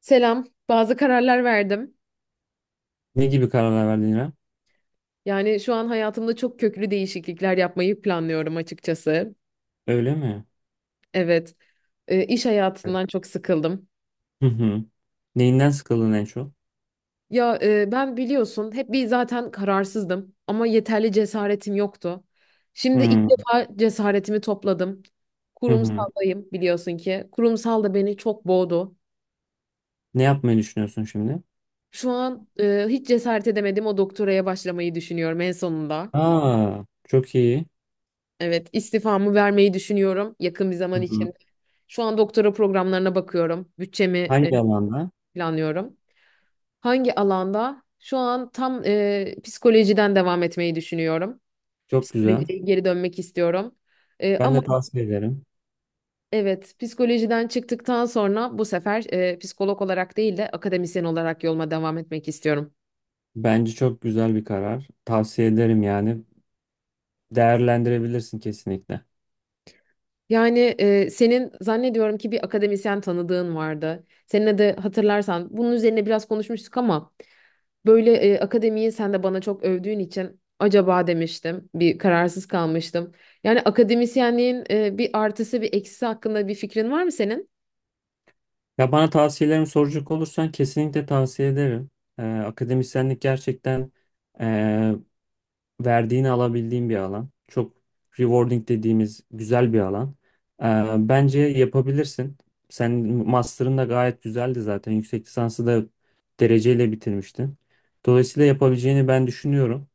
Selam. Bazı kararlar verdim. Ne gibi kararlar verdin İrem? Yani şu an hayatımda çok köklü değişiklikler yapmayı planlıyorum açıkçası. Öyle mi? Evet, iş hayatından çok sıkıldım. Hı hı. Neyinden sıkıldın en çok? Ya ben biliyorsun hep bir zaten kararsızdım ama yeterli cesaretim yoktu. Şimdi ilk Hı defa cesaretimi topladım. hı. Hı. Kurumsaldayım biliyorsun ki. Kurumsal da beni çok boğdu. Ne yapmayı düşünüyorsun şimdi? Şu an hiç cesaret edemedim o doktoraya başlamayı düşünüyorum en sonunda. Aa, çok iyi. Evet, istifamı vermeyi düşünüyorum yakın bir Hı zaman hı. içinde. Şu an doktora programlarına bakıyorum. Bütçemi e, Hangi alanda? planlıyorum. Hangi alanda? Şu an tam psikolojiden devam etmeyi düşünüyorum. Çok güzel. Psikolojiye geri dönmek istiyorum. E, Ben ama de tavsiye ederim. evet psikolojiden çıktıktan sonra bu sefer psikolog olarak değil de akademisyen olarak yoluma devam etmek istiyorum. Bence çok güzel bir karar. Tavsiye ederim yani. Değerlendirebilirsin kesinlikle. Yani senin zannediyorum ki bir akademisyen tanıdığın vardı. Seninle de hatırlarsan bunun üzerine biraz konuşmuştuk ama böyle akademiyi sen de bana çok övdüğün için acaba demiştim. Bir kararsız kalmıştım. Yani akademisyenliğin bir artısı bir eksisi hakkında bir fikrin var mı senin? Ya bana tavsiyelerimi soracak olursan kesinlikle tavsiye ederim. Akademisyenlik gerçekten ee, verdiğini alabildiğim bir alan. Çok rewarding dediğimiz güzel bir alan. Ee, Bence yapabilirsin. Sen master'ın da gayet güzeldi zaten. Yüksek lisansı da dereceyle bitirmiştin. Dolayısıyla yapabileceğini ben düşünüyorum.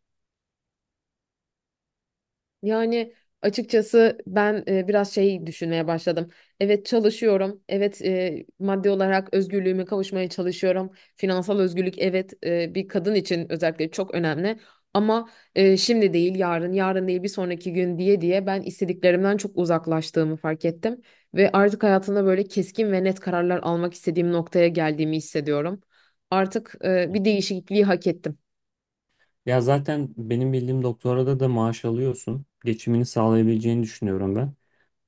Yani açıkçası ben biraz şey düşünmeye başladım. Evet çalışıyorum. Evet, maddi olarak özgürlüğüme kavuşmaya çalışıyorum. Finansal özgürlük evet, bir kadın için özellikle çok önemli. Ama şimdi değil yarın, yarın değil bir sonraki gün diye diye ben istediklerimden çok uzaklaştığımı fark ettim. Ve artık hayatımda böyle keskin ve net kararlar almak istediğim noktaya geldiğimi hissediyorum. Artık bir değişikliği hak ettim. Ya zaten benim bildiğim doktorada da maaş alıyorsun. Geçimini sağlayabileceğini düşünüyorum ben.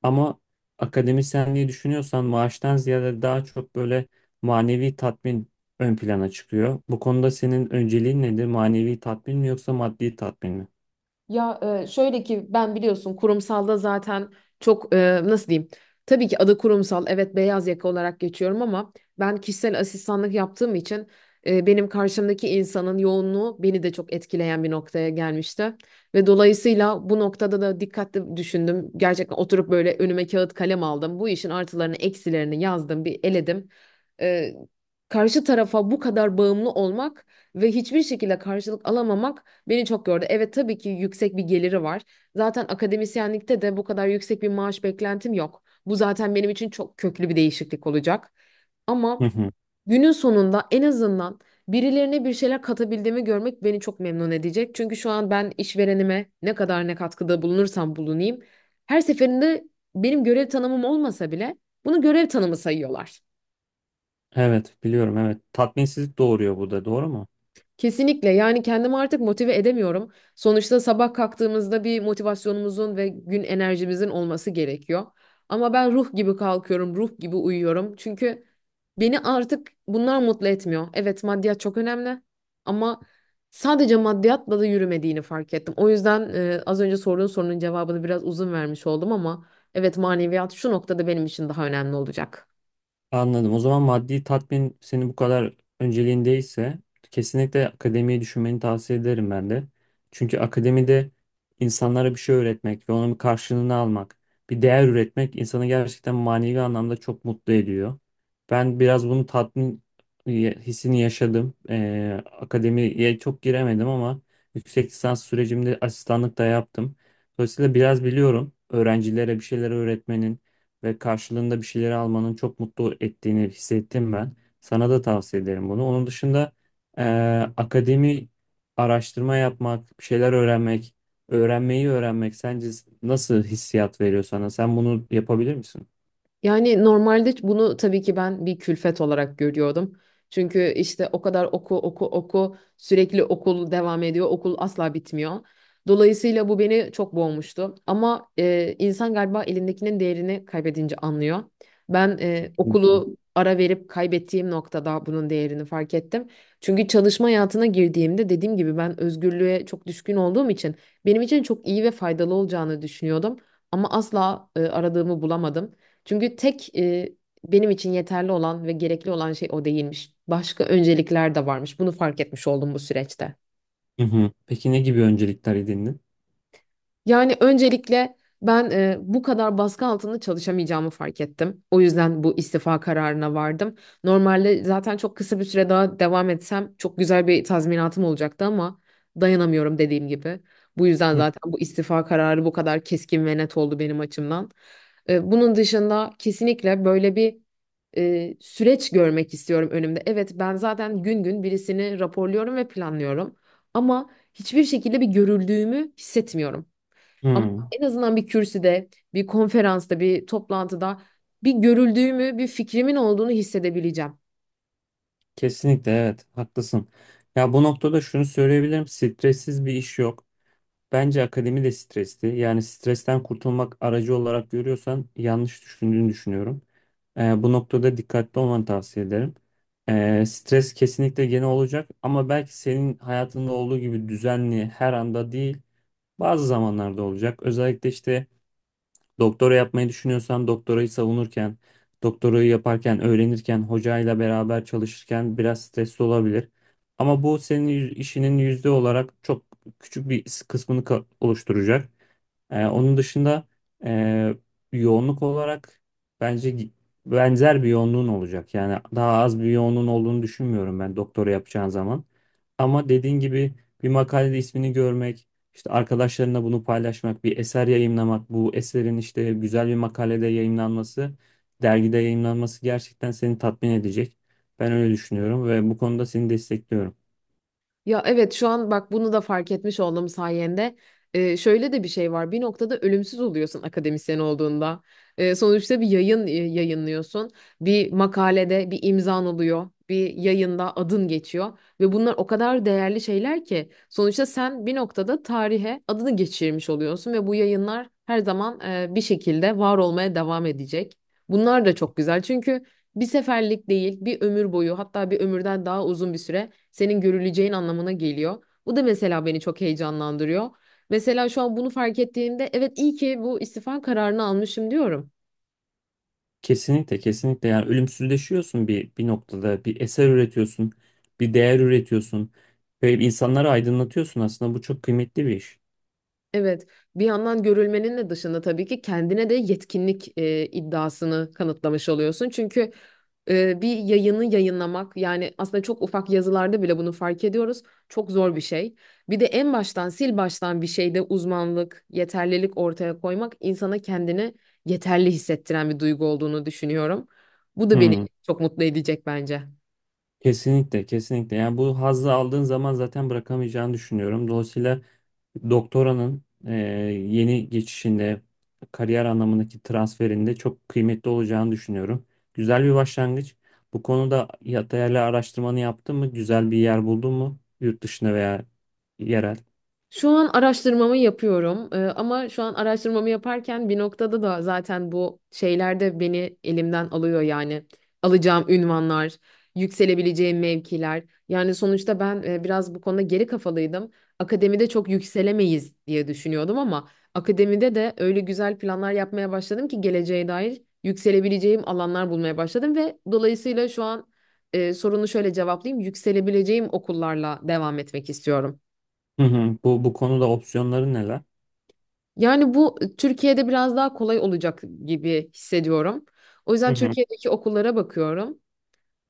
Ama akademisyenliği düşünüyorsan maaştan ziyade daha çok böyle manevi tatmin ön plana çıkıyor. Bu konuda senin önceliğin nedir? Manevi tatmin mi yoksa maddi tatmin mi? Ya şöyle ki ben biliyorsun kurumsalda zaten çok nasıl diyeyim? Tabii ki adı kurumsal, evet, beyaz yaka olarak geçiyorum ama ben kişisel asistanlık yaptığım için benim karşımdaki insanın yoğunluğu beni de çok etkileyen bir noktaya gelmişti. Ve dolayısıyla bu noktada da dikkatli düşündüm. Gerçekten oturup böyle önüme kağıt kalem aldım. Bu işin artılarını eksilerini yazdım bir eledim. E, Karşı tarafa bu kadar bağımlı olmak ve hiçbir şekilde karşılık alamamak beni çok gördü. Evet tabii ki yüksek bir geliri var. Zaten akademisyenlikte de bu kadar yüksek bir maaş beklentim yok. Bu zaten benim için çok köklü bir değişiklik olacak. Hı Ama hı. günün sonunda en azından birilerine bir şeyler katabildiğimi görmek beni çok memnun edecek. Çünkü şu an ben işverenime ne kadar ne katkıda bulunursam bulunayım. Her seferinde benim görev tanımım olmasa bile bunu görev tanımı sayıyorlar. Evet biliyorum, evet. Tatminsizlik doğuruyor, bu da doğru mu? Kesinlikle, yani kendimi artık motive edemiyorum. Sonuçta sabah kalktığımızda bir motivasyonumuzun ve gün enerjimizin olması gerekiyor. Ama ben ruh gibi kalkıyorum, ruh gibi uyuyorum. Çünkü beni artık bunlar mutlu etmiyor. Evet, maddiyat çok önemli ama sadece maddiyatla da yürümediğini fark ettim. O yüzden az önce sorduğun sorunun cevabını biraz uzun vermiş oldum ama evet, maneviyat şu noktada benim için daha önemli olacak. Anladım. O zaman maddi tatmin senin bu kadar önceliğindeyse kesinlikle akademiyi düşünmeni tavsiye ederim ben de. Çünkü akademide insanlara bir şey öğretmek ve onun bir karşılığını almak, bir değer üretmek insanı gerçekten manevi anlamda çok mutlu ediyor. Ben biraz bunu tatmin e, hissini yaşadım. Akademiye çok giremedim ama yüksek lisans sürecimde asistanlık da yaptım. Dolayısıyla biraz biliyorum, öğrencilere bir şeyler öğretmenin ve karşılığında bir şeyleri almanın çok mutlu ettiğini hissettim ben. Sana da tavsiye ederim bunu. Onun dışında eee, akademi, araştırma yapmak, bir şeyler öğrenmek, öğrenmeyi öğrenmek sence nasıl hissiyat veriyor sana? Sen bunu yapabilir misin? Yani normalde bunu tabii ki ben bir külfet olarak görüyordum. Çünkü işte o kadar oku oku oku sürekli okul devam ediyor. Okul asla bitmiyor. Dolayısıyla bu beni çok boğmuştu. Ama insan galiba elindekinin değerini kaybedince anlıyor. Ben Hı hı. okulu ara verip kaybettiğim noktada bunun değerini fark ettim. Çünkü çalışma hayatına girdiğimde dediğim gibi ben özgürlüğe çok düşkün olduğum için benim için çok iyi ve faydalı olacağını düşünüyordum. Ama asla aradığımı bulamadım. Çünkü benim için yeterli olan ve gerekli olan şey o değilmiş. Başka öncelikler de varmış. Bunu fark etmiş oldum bu süreçte. Hı hı. Peki ne gibi öncelikler edindin? Yani öncelikle ben bu kadar baskı altında çalışamayacağımı fark ettim. O yüzden bu istifa kararına vardım. Normalde zaten çok kısa bir süre daha devam etsem çok güzel bir tazminatım olacaktı ama dayanamıyorum dediğim gibi. Bu yüzden Hı. zaten bu istifa kararı bu kadar keskin ve net oldu benim açımdan. Bunun dışında kesinlikle böyle bir süreç görmek istiyorum önümde. Evet ben zaten gün gün birisini raporluyorum ve planlıyorum ama hiçbir şekilde bir görüldüğümü hissetmiyorum. Ama Hı. en azından bir kürsüde, bir konferansta, bir toplantıda bir görüldüğümü, bir fikrimin olduğunu hissedebileceğim. Kesinlikle, evet, haklısın. Ya bu noktada şunu söyleyebilirim. Stressiz bir iş yok. Bence akademi de stresli. Yani stresten kurtulmak aracı olarak görüyorsan yanlış düşündüğünü düşünüyorum. Bu noktada dikkatli olmanı tavsiye ederim. Stres kesinlikle gene olacak ama belki senin hayatında olduğu gibi düzenli her anda değil, bazı zamanlarda olacak. Özellikle işte doktora yapmayı düşünüyorsan doktorayı savunurken, doktorayı yaparken, öğrenirken, hocayla beraber çalışırken biraz stresli olabilir. Ama bu senin işinin yüzde olarak çok küçük bir kısmını oluşturacak. Onun dışında e, yoğunluk olarak bence benzer bir yoğunluğun olacak. Yani daha az bir yoğunluğun olduğunu düşünmüyorum ben doktora yapacağın zaman. Ama dediğin gibi bir makalede ismini görmek, işte arkadaşlarına bunu paylaşmak, bir eser yayımlamak, bu eserin işte güzel bir makalede yayımlanması, dergide yayımlanması gerçekten seni tatmin edecek. Ben öyle düşünüyorum ve bu konuda seni destekliyorum. Ya evet, şu an bak bunu da fark etmiş olduğum sayende. Şöyle de bir şey var: bir noktada ölümsüz oluyorsun akademisyen olduğunda. Sonuçta bir yayın yayınlıyorsun, bir makalede bir imzan oluyor, bir yayında adın geçiyor ve bunlar o kadar değerli şeyler ki sonuçta sen bir noktada tarihe adını geçirmiş oluyorsun ve bu yayınlar her zaman bir şekilde var olmaya devam edecek. Bunlar da çok güzel çünkü bir seferlik değil, bir ömür boyu, hatta bir ömürden daha uzun bir süre senin görüleceğin anlamına geliyor. Bu da mesela beni çok heyecanlandırıyor. Mesela şu an bunu fark ettiğimde evet, iyi ki bu istifa kararını almışım diyorum. Kesinlikle, kesinlikle, yani ölümsüzleşiyorsun, bir noktada bir eser üretiyorsun, bir değer üretiyorsun ve insanları aydınlatıyorsun, aslında bu çok kıymetli bir iş. Evet, bir yandan görülmenin de dışında tabii ki kendine de yetkinlik iddiasını kanıtlamış oluyorsun. Çünkü bir yayını yayınlamak, yani aslında çok ufak yazılarda bile bunu fark ediyoruz. Çok zor bir şey. Bir de en baştan sil baştan bir şeyde uzmanlık, yeterlilik ortaya koymak insana kendini yeterli hissettiren bir duygu olduğunu düşünüyorum. Bu da beni Hmm, çok mutlu edecek bence. kesinlikle, kesinlikle, yani bu hazzı aldığın zaman zaten bırakamayacağını düşünüyorum. Dolayısıyla doktoranın yeni geçişinde, kariyer anlamındaki transferinde çok kıymetli olacağını düşünüyorum. Güzel bir başlangıç. Bu konuda değerli araştırmanı yaptın mı? Güzel bir yer buldun mu? Yurt dışında veya yerel? Şu an araştırmamı yapıyorum. Ama şu an araştırmamı yaparken bir noktada da zaten bu şeyler de beni elimden alıyor, yani alacağım ünvanlar, yükselebileceğim mevkiler. Yani sonuçta ben biraz bu konuda geri kafalıydım. Akademide çok yükselemeyiz diye düşünüyordum ama akademide de öyle güzel planlar yapmaya başladım ki geleceğe dair yükselebileceğim alanlar bulmaya başladım ve dolayısıyla şu an sorunu şöyle cevaplayayım. Yükselebileceğim okullarla devam etmek istiyorum. Hı hı. Bu konuda opsiyonları neler? Yani bu Türkiye'de biraz daha kolay olacak gibi hissediyorum. O Hı yüzden hı. Türkiye'deki okullara bakıyorum.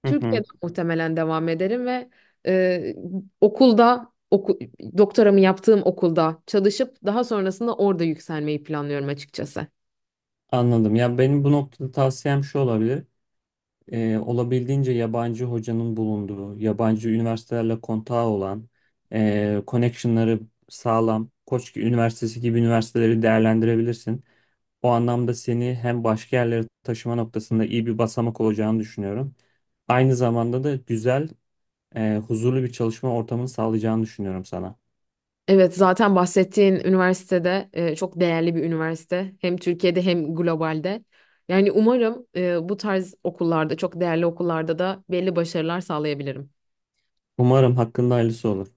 Hı hı. Türkiye'de muhtemelen devam ederim ve e, okulda oku, doktoramı yaptığım okulda çalışıp daha sonrasında orada yükselmeyi planlıyorum açıkçası. Anladım. Ya benim bu noktada tavsiyem şu olabilir. Olabildiğince yabancı hocanın bulunduğu, yabancı üniversitelerle kontağı olan, connectionları sağlam, Koç Üniversitesi gibi üniversiteleri değerlendirebilirsin. O anlamda seni hem başka yerlere taşıma noktasında iyi bir basamak olacağını düşünüyorum. Aynı zamanda da güzel, huzurlu bir çalışma ortamını sağlayacağını düşünüyorum sana. Evet, zaten bahsettiğin üniversitede çok değerli bir üniversite. Hem Türkiye'de hem globalde. Yani umarım bu tarz okullarda, çok değerli okullarda da belli başarılar sağlayabilirim. Umarım hakkında hayırlısı olur.